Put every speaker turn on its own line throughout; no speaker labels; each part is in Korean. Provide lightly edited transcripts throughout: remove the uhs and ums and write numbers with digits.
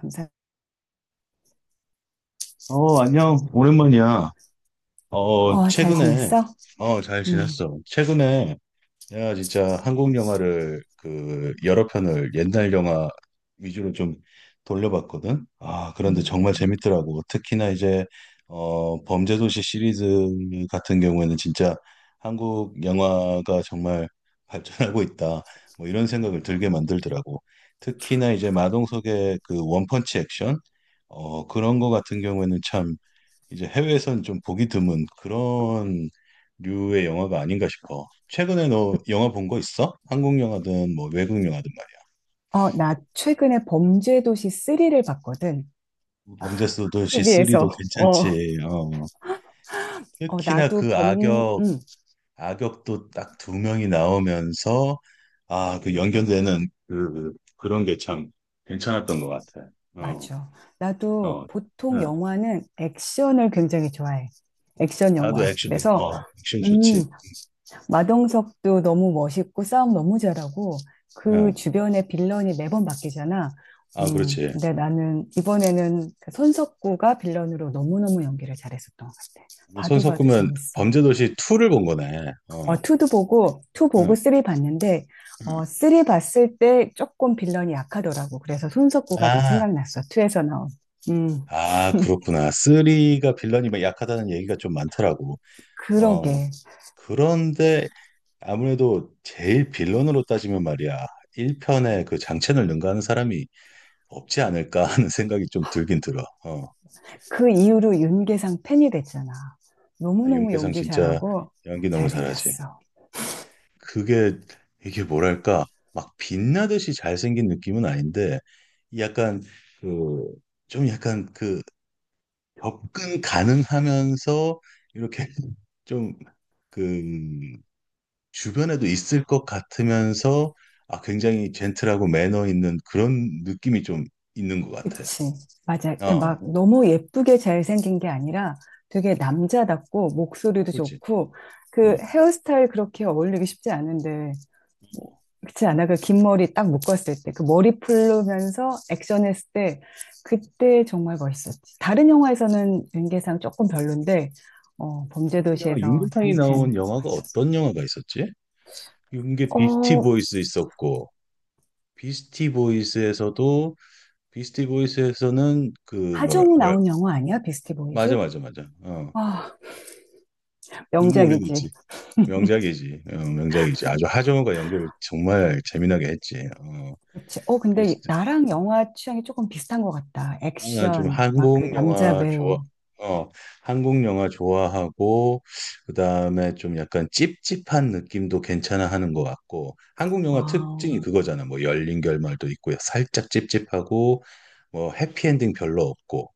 감사.
안녕. 오랜만이야. 어,
어, 잘
최근에,
지냈어?
잘
음.
지냈어. 최근에 내가 진짜 한국 영화를 그 여러 편을 옛날 영화 위주로 좀 돌려봤거든. 아, 그런데 정말
음.
재밌더라고. 특히나 이제, 범죄도시 시리즈 같은 경우에는 진짜 한국 영화가 정말 발전하고 있다. 뭐 이런 생각을 들게 만들더라고. 특히나 이제 마동석의 그 원펀치 액션, 그런 거 같은 경우에는 참 이제 해외에서는 좀 보기 드문 그런 류의 영화가 아닌가 싶어. 최근에 너 영화 본 거 있어? 한국 영화든 뭐 외국 영화든 말이야.
어, 나 최근에 범죄도시 3를 봤거든.
범죄 수도시
TV에서.
3도
어,
괜찮지. 어.
어,
특히나
나도
그
범,
악역,
음,
악역도 딱 두 명이 나오면서 아, 그 연결되는 그 그런 게 참 괜찮았던 것 같아. 어,
맞아. 나도
어,
보통
응.
영화는 액션을 굉장히 좋아해. 액션
나도
영화.
액션, 액션
음,
좋지.
마동석도 너무 멋있고 싸움 너무 잘하고 그
응.
주변에 빌런이 매번 바뀌잖아. 음,
아, 그렇지.
근데 나는 이번에는 그 손석구가 빌런으로 너무너무 연기를 잘했었던 것 같아.
손
봐도 봐도
섞으면
재밌어.
범죄도시 2를 본 거네.
어, 2도 보고, 2 보고
응.
3 봤는데, 어,
음.
3 봤을 때 조금 빌런이 약하더라고. 그래서 손석구가 더
아,
생각났어, 2에서 나온. 음,
아, 그렇구나. 쓰리가 빌런이 막 약하다는 얘기가 좀 많더라고. 어,
그러게.
그런데 아무래도 제일 빌런으로 따지면 말이야. 1편에 그 장첸을 능가하는 사람이 없지 않을까 하는 생각이 좀 들긴 들어. 어,
그 이후로 윤계상 팬이 됐잖아.
아,
너무너무
윤계상
연기
진짜
잘하고
연기 너무 잘하지.
잘생겼어.
그게, 이게 뭐랄까. 막 빛나듯이 잘생긴 느낌은 아닌데, 약간 그, 좀 약간 그 접근 가능하면서 이렇게 좀, 그, 주변에도 있을 것 같으면서, 아, 굉장히 젠틀하고 매너 있는 그런 느낌이 좀 있는 것 같아.
그치. 맞아. 이렇게 막
어,
너무 예쁘게 잘생긴 게 아니라 되게 남자답고 목소리도
그렇지.
좋고 그
응.
헤어스타일 그렇게 어울리기 쉽지 않은데 뭐, 그렇지 않아? 그 긴 머리 딱 묶었을 때 그 머리 풀면서 액션했을 때 그때 정말 멋있었지. 다른 영화에서는 연기상 조금 별론데 어,
영화
범죄도시에서
윤계상이
장첸
나온 영화가
멋있었어.
어떤 영화가 있었지? 윤계 비스티
어,
보이스 있었고, 비스티 보이스에서도, 비스티 보이스에서는 그,
하정우 나온 영화 아니야? 비스티
맞아,
보이즈?
맞아, 맞아. 어,
아,
너무 오래됐지.
명작이지.
명작이지. 어, 명작이지. 아주 하정우가 연기를 정말 재미나게 했지. 어,
그치. 어, 근데
비스트,
나랑 영화 취향이 조금 비슷한 것 같다.
나는 좀
액션, 막 그
한국
남자
영화 좋아,
배우.
어, 한국 영화 좋아하고, 그 다음에 좀 약간 찝찝한 느낌도 괜찮아 하는 것 같고, 한국 영화 특징이
아,
그거잖아. 뭐 열린 결말도 있고, 살짝 찝찝하고, 뭐 해피엔딩 별로 없고,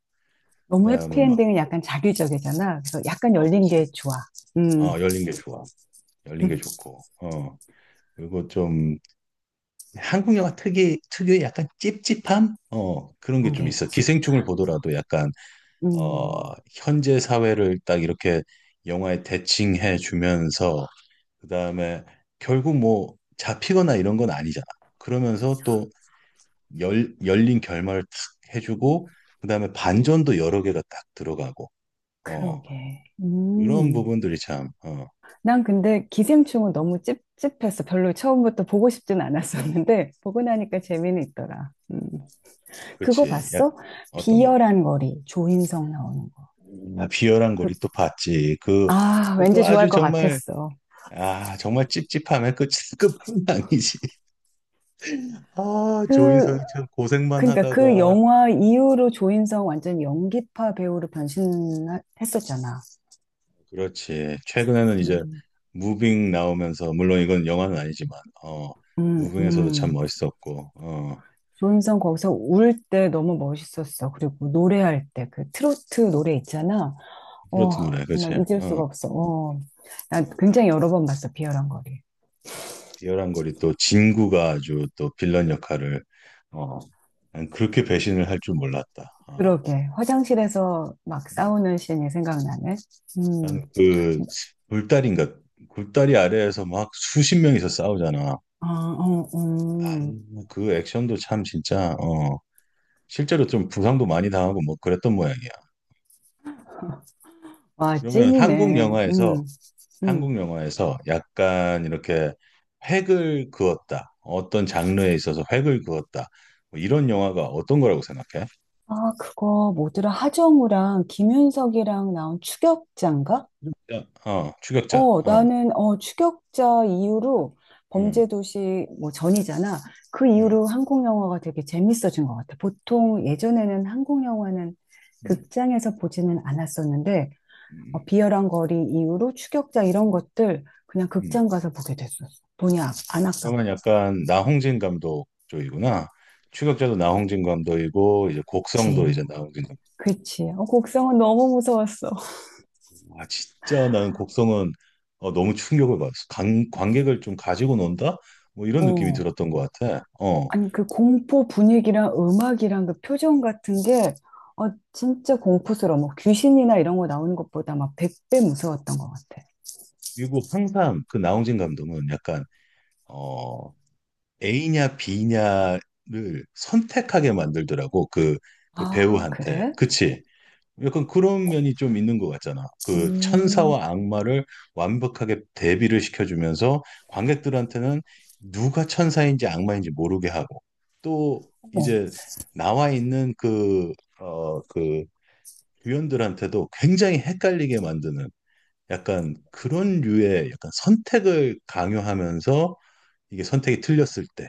그
너무
다음에 막,
해피엔딩은 약간 자기적이잖아. 그래서 약간
어,
열린
그렇지.
게 좋아. 음,
어, 열린 게 좋아. 열린 게
음,
좋고, 어. 그리고 좀 한국 영화 특유의 약간 찝찝함? 어, 그런 게
그런
좀
게
있어.
있지.
기생충을 보더라도 약간 어,
음,
현재 사회를 딱 이렇게 영화에 대칭해 주면서 그다음에 결국 뭐 잡히거나 이런 건 아니잖아. 그러면서 또 열린 결말을 탁 해주고 그다음에 반전도 여러 개가 딱 들어가고 어,
그러게.
이런 부분들이 참 어,
난 근데 기생충은 너무 찝찝했어. 별로 처음부터 보고 싶진 않았었는데, 보고 나니까 재미는 있더라. 그거
그렇지. 약
봤어?
어떤 거?
비열한 거리, 조인성 나오는 거.
아, 비열한
그,
고리 또 봤지. 그
아, 왠지
그것도
좋아할
아주
것
정말
같았어.
아 정말 찝찝함의 끝 끝은 아니지. 아
그
조인성이 참 고생만
그러니까 그
하다가
영화 이후로 조인성 완전 연기파 배우로 변신했었잖아.
그렇지. 최근에는 이제
음,
무빙 나오면서 물론 이건 영화는 아니지만 어
음,
무빙에서도 참
음.
멋있었고 어
조인성 거기서 울 때 너무 멋있었어. 그리고 노래할 때 그 트로트 노래 있잖아.
트로트
어,
노래 그렇지.
정말 잊을
어
수가 없어. 어. 나 굉장히 여러 번 봤어, 비열한 거리.
비열한 거리 또 진구가 아주 또 빌런 역할을 어 난 그렇게 배신을 할 줄 몰랐다. 어.
그러게. 화장실에서 막 싸우는 씬이 생각나네. 음,
는그 굴다리인가 굴다리 아래에서 막 수십 명이서 싸우잖아.
아, 어,
아,
음.
그 액션도 참 진짜 어 실제로 좀 부상도 많이 당하고 뭐 그랬던 모양이야.
와,
그러면
찐이네.
한국
음.
영화에서 약간 이렇게 획을 그었다. 어떤 장르에 있어서 획을 그었다. 뭐 이런 영화가 어떤 거라고 생각해?
아, 그거 뭐더라? 하정우랑 김윤석이랑 나온 추격자인가?
추격자. 어, 추격자.
어,
어,
나는 추격자 이후로
음,
범죄도시 뭐 전이잖아. 그
음,
이후로 한국 영화가 되게 재밌어진 것 같아. 보통 예전에는 한국 영화는
음,
극장에서 보지는 않았었는데 어,
음,
비열한 거리 이후로 추격자 이런 것들 그냥
음.
극장 가서 보게 됐었어. 안
그러면
아깝고.
약간 나홍진 감독 쪽이구나. 추격자도 나홍진 감독이고 이제 곡성도
그치.
이제 나홍진 감독.
그치. 어, 곡성은 너무 무서웠어.
아, 진짜 나는 곡성은 어, 너무 충격을 받았어.
그치.
관객을 좀 가지고 논다? 뭐 이런 느낌이
어.
들었던 것 같아. 어,
아니, 그 공포 분위기랑 음악이랑 그 표정 같은 게, 어, 진짜 공포스러워. 뭐 귀신이나 이런 거 나오는 것보다 막 100배 무서웠던 것 같아.
그리고 항상 그 나홍진 감독은 약간 어 A냐 B냐를 선택하게 만들더라고 그 그
아,
배우한테
그래?
그치? 약간 그런 면이 좀 있는 것 같잖아. 그
음,
천사와 악마를 완벽하게 대비를 시켜주면서 관객들한테는 누가 천사인지 악마인지 모르게 하고 또
어머.
이제 나와 있는 그 어, 그 유연들한테도 굉장히 헷갈리게 만드는 약간 그런 류의 약간 선택을 강요하면서 이게 선택이 틀렸을 때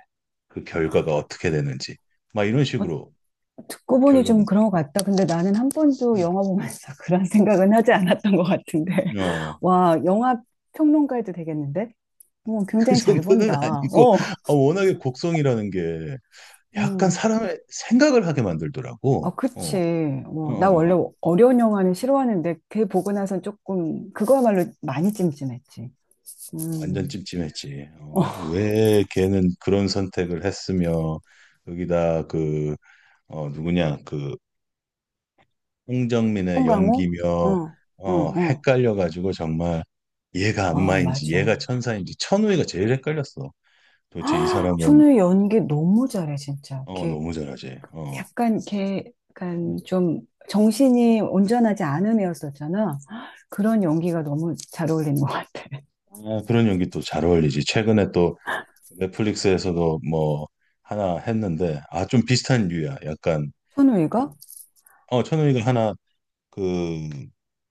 그 결과가 어떻게 되는지 막 이런
어,
식으로
듣고 보니 좀
결론
그런 것 같다. 근데 나는 한 번도
음.
영화 보면서 그런 생각은 하지 않았던 것 같은데.
어,
와, 영화 평론가에도 되겠는데? 어,
그
굉장히 잘
정도는
본다.
아니고 아, 워낙에 곡성이라는 게 약간
음.
사람의 생각을 하게 만들더라고.
어,
어,
그치.
어, 어.
어, 나 원래
어.
어려운 영화는 싫어하는데 걔 보고 나선 조금 그거야말로 많이 찜찜했지.
완전
음.
찜찜했지.
어,
어, 왜 걔는 그런 선택을 했으며 여기다 그 어, 누구냐 그 홍정민의
송강호?
연기며
응,
어
응, 응.
헷갈려가지고 정말 얘가
아,
악마인지 얘가
맞아.
천사인지 천우희가 제일 헷갈렸어. 도대체 이 사람은
춘우의 연기 너무 잘해, 진짜.
어
걔
너무 잘하지. 어
약간 걔 약간
음.
좀 정신이 온전하지 않은 애였었잖아. 그런 연기가 너무 잘 어울리는 것 같아.
아, 그런 연기 또 잘 어울리지. 최근에 또 넷플릭스에서도 뭐 하나 했는데 아 좀 비슷한 류야. 약간
춘우이가?
그어 천우희가 하나 그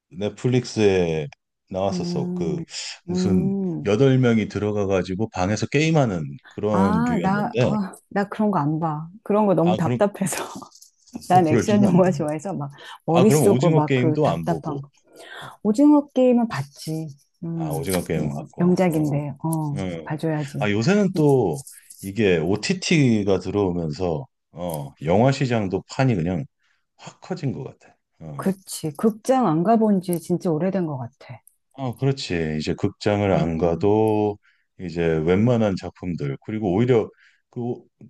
넷플릭스에 나왔었어. 그
음,
무슨
음.
여덟 명이 들어가가지고 방에서 게임하는 그런
아, 나,
류였는데
아, 나 그런 거 안 봐. 그런 거 너무
아, 그럼
답답해서.
아,
난 액션
그러지는 안
영화
본다.
좋아해서 막
아,
머리
그럼
쓰고
오징어
막 그
게임도 안
답답한
보고.
거.
어.
오징어 게임은 봤지.
아,
음,
오징어 게임
뭐
봤고. 어.
명작인데
음.
봐줘야지.
아, 요새는 또 이게 OTT가 들어오면서 어, 영화 시장도 판이 그냥 확 커진 것 같아. 어.
그치. 극장 안 가본 지 진짜 오래된 것 같아.
아, 그렇지. 이제 극장을 안
음,
가도 이제 웬만한 작품들, 그리고 오히려 그,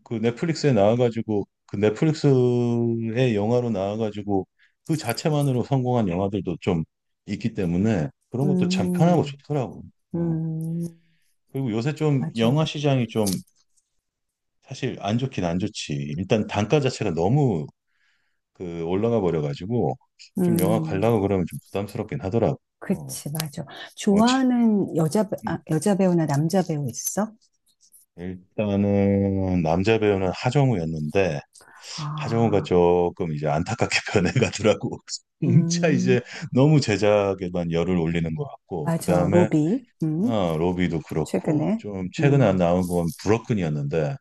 그 넷플릭스에 나와가지고 그 넷플릭스의 영화로 나와가지고 그 자체만으로 성공한 영화들도 좀 있기 때문에 그런 것도 참 편하고
음,
좋더라고.
음,
어.
음.
그리고 요새 좀
맞아.
영화 시장이 좀 사실 안 좋긴 안 좋지. 일단 단가 자체가 너무 그 올라가 버려가지고 좀 영화
음,
가려고 그러면 좀 부담스럽긴 하더라고. 어,
그치, 맞아.
어, 치-
아,
음.
여자 배우나 남자 배우 있어?
일단은 남자 배우는 하정우였는데 하정우가
아,
조금 이제 안타깝게 변해가더라고. 진짜
음,
이제 너무 제작에만 열을 올리는 것 같고 그
맞아.
다음에
로비.
어, 로비도 그렇고
최근에.
좀 최근에
음,
나온 건 브로큰이었는데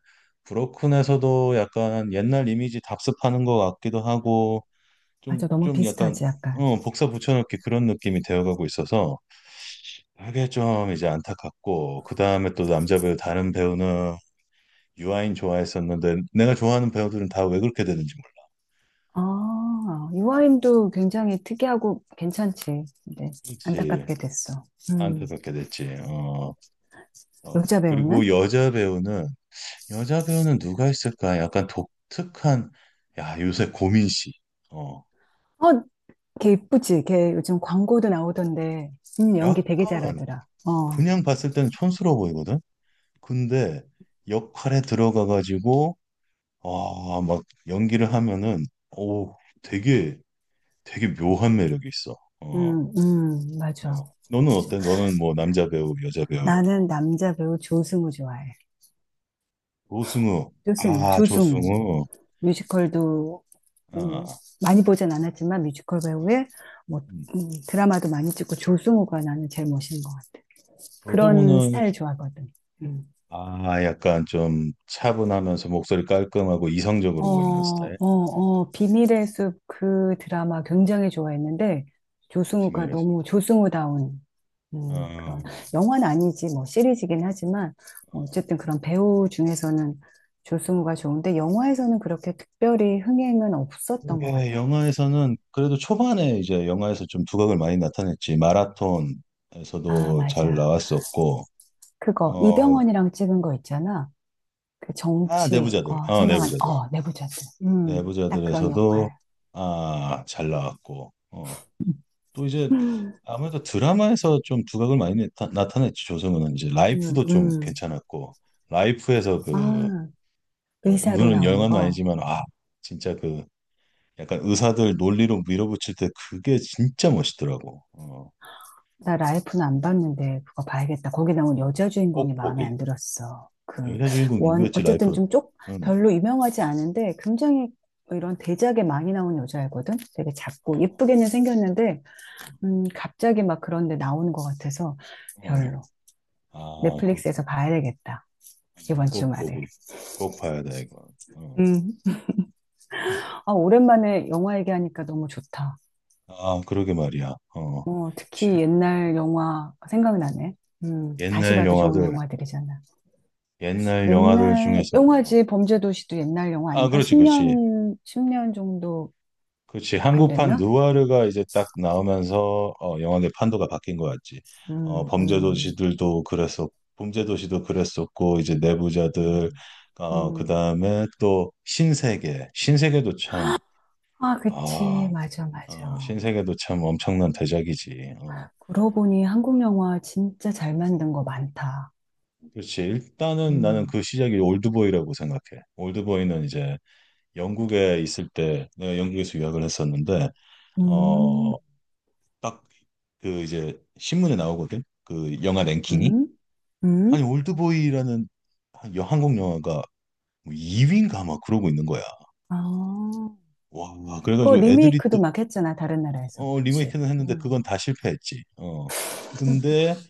브로큰에서도 약간 옛날 이미지 답습하는 것 같기도 하고 좀
맞아. 너무
좀 약간
비슷하지, 약간.
어, 복사 붙여넣기 그런 느낌이 되어가고 있어서 그게 좀 이제 안타깝고 그 다음에 또 남자 배우 다른 배우는 유아인 좋아했었는데 내가 좋아하는 배우들은 다 왜 그렇게 되는지 몰라.
아,
어,
유아인도 굉장히 특이하고 괜찮지. 근데
그렇지.
안타깝게 됐어. 음,
안타깝게 됐지. 어, 어.
여자 배우는?
그리고 여자 배우는 누가 있을까? 약간 독특한 야 요새 고민 씨. 어,
어, 걔 이쁘지. 걔 요즘 광고도 나오던데. 연기 되게
약간
잘하더라.
그냥 봤을 때는 촌스러워 보이거든. 근데 역할에 들어가 가지고 아 막 연기를 하면은 오 되게 되게 묘한 매력이 있어. 어,
맞아.
어. 너는
맞아.
어때? 너는 뭐 남자 배우, 여자 배우
나는 남자 배우 조승우 좋아해.
조승우. 아,
조승우.
조승우.
뮤지컬도 뭐
아,
많이 보진 않았지만 뮤지컬 배우에 뭐
음.
음, 드라마도 많이 찍고 조승우가 나는 제일 멋있는 것 같아. 그런
조승우는
스타일 좋아하거든. 음.
아, 약간 좀 차분하면서 목소리 깔끔하고 이성적으로 보이는 스타일.
비밀의 숲 그 드라마 굉장히 좋아했는데,
비
조승우가
밀의서
너무 조승우다운, 그런,
어,
영화는 아니지, 뭐, 시리즈긴 하지만,
어.
어쨌든 그런 배우 중에서는 조승우가 좋은데, 영화에서는 그렇게 특별히 흥행은 없었던 것
그게
같아.
영화에서는 그래도 초반에 이제 영화에서 좀 두각을 많이 나타냈지.
아,
마라톤에서도 잘
맞아.
나왔었고,
그거,
어,
이병헌이랑 찍은 거 있잖아. 그
아,
정치,
내부자들.
어,
어,
생각한,
내부자들.
어, 내부자들. 딱 그런
내부자들에서도
역할.
아, 잘 나왔고. 어. 또 이제
음,
아무래도 드라마에서 좀 두각을 많이 나타냈지 조성우는 이제 라이프도 좀
음.
괜찮았고 라이프에서 그
아,
여-
의사로
물론
나온
영화는
거.
아니지만 아 진짜 그 약간 의사들 논리로 밀어붙일 때 그게 진짜 멋있더라고 어,
나 라이프는 안 봤는데 그거 봐야겠다. 거기 나온 여자
꼭
주인공이 마음에
보길
안 들었어. 그
여자 주인공
원,
누구였지
어쨌든
라이프
좀 쪽,
응.
별로 유명하지 않은데 굉장히 뭐 이런 대작에 많이 나온 여자애거든. 되게 작고
어,
예쁘게는 생겼는데 갑자기 막 그런데 나오는 것 같아서
어.
별로.
아
넷플릭스에서
그렇구나
봐야 되겠다.
어,
이번
꼭
주말에.
보길 꼭 봐야 돼 이거 어.
음. 아, 오랜만에 영화 얘기하니까 너무 좋다.
아 그러게 말이야 어.
어,
치,
특히 옛날 영화 생각나네. 다시
옛날
봐도 좋은
영화들
영화들이잖아.
옛날 영화들
옛날
중에서
영화지 범죄도시도 옛날 영화
아
아닌가?
그렇지 그렇지
10년, 십년 정도
그렇지
안
한국판
됐나?
누아르가 이제 딱 나오면서 어, 영화의 판도가 바뀐 거 같지 어,
음, 음,
범죄도시들도 그랬었 범죄도시도 그랬었고 이제 내부자들
음,
어,
음.
그다음에 또 신세계 신세계도 참
아, 그치.
아,
맞아, 맞아.
어, 신세계도 참 엄청난 대작이지 어,
그러고 보니 한국 영화 진짜 잘 만든 거 많다.
그렇지 일단은 나는
음.
그 시작이 올드보이라고 생각해 올드보이는 이제 영국에 있을 때 내가 영국에서 유학을 했었는데
음,
어, 딱 그 이제 신문에 나오거든. 그 영화 랭킹이
음,
아니
음.
올드보이라는 한 여- 한국 영화가 2위인가 막 그러고 있는 거야.
아,
와, 와,
그거
그래가지고 애들이
리메이크도
또
막 했잖아, 다른 나라에서.
어,
그치.
리메이크는 했는데 그건
음.
다 실패했지. 어. 근데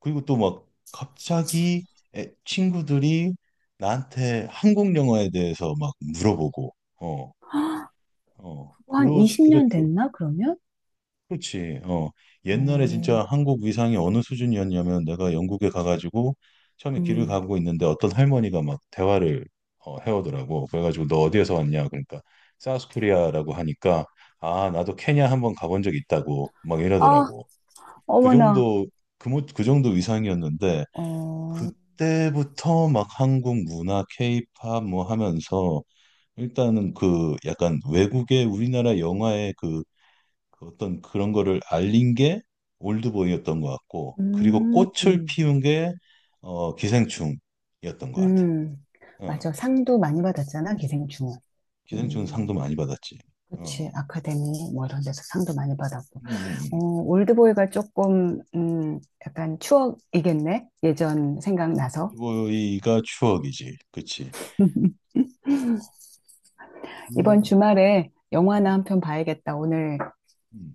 그리고 또 막 갑자기 애- 친구들이 나한테 한국 영화에 대해서 막 물어보고 어, 어,
그거 한
그렇 그렇
20년 됐나, 그러면?
그렇지. 어. 옛날에
오,
진짜 한국 위상이 어느 수준이었냐면 내가 영국에 가가지고 처음에 길을
음.
가고 있는데 어떤 할머니가 막 대화를 어, 해오더라고. 그래가지고 너 어디에서 왔냐? 그러니까 사우스코리아라고 하니까 아 나도 케냐 한번 가본 적 있다고 막
아,
이러더라고. 그
어머나.
정도 그, 모- 그 정도 위상이었는데
어,
그때부터 막 한국 문화, 케이팝 뭐 하면서 일단은 그 약간 외국의 우리나라 영화의 그 그 어떤 그런 거를 알린 게 올드보이였던 것 같고, 그리고
음.
꽃을 피운 게 어, 기생충이었던 것 같아.
음,
어,
맞아. 상도 많이 받았잖아, 기생충은.
기생충 상도
음,
많이 받았지.
그치.
어,
아카데미, 뭐 이런 데서 상도 많이 받았고.
음,
올드보이가 조금, 약간 추억이겠네? 예전 생각나서.
올드보이가 추억이지. 그치. 어,
이번
그,
주말에 영화나
음,
한 편 봐야겠다.
음,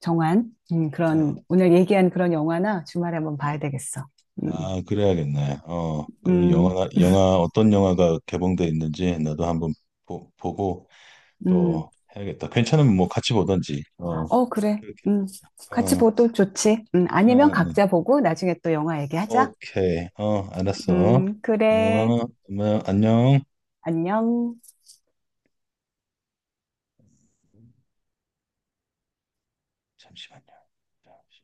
어,
오늘 얘기한 그런 영화나 주말에 한번
어.
봐야 되겠어. 음,
아, 그래야겠네. 어,
음,
어떤 영화가 개봉돼 있는지 나도 한번 보고
음.
또 해야겠다. 괜찮으면 뭐 같이 보던지. 어,
어, 그래.
그렇게. 어,
같이
어,
보도 좋지. 아니면
음.
각자 보고 나중에 또 영화 얘기하자.
오케이. 어, 알았어.
그래.
어, 그러면 안녕.
안녕.
잠시만요. 잠시.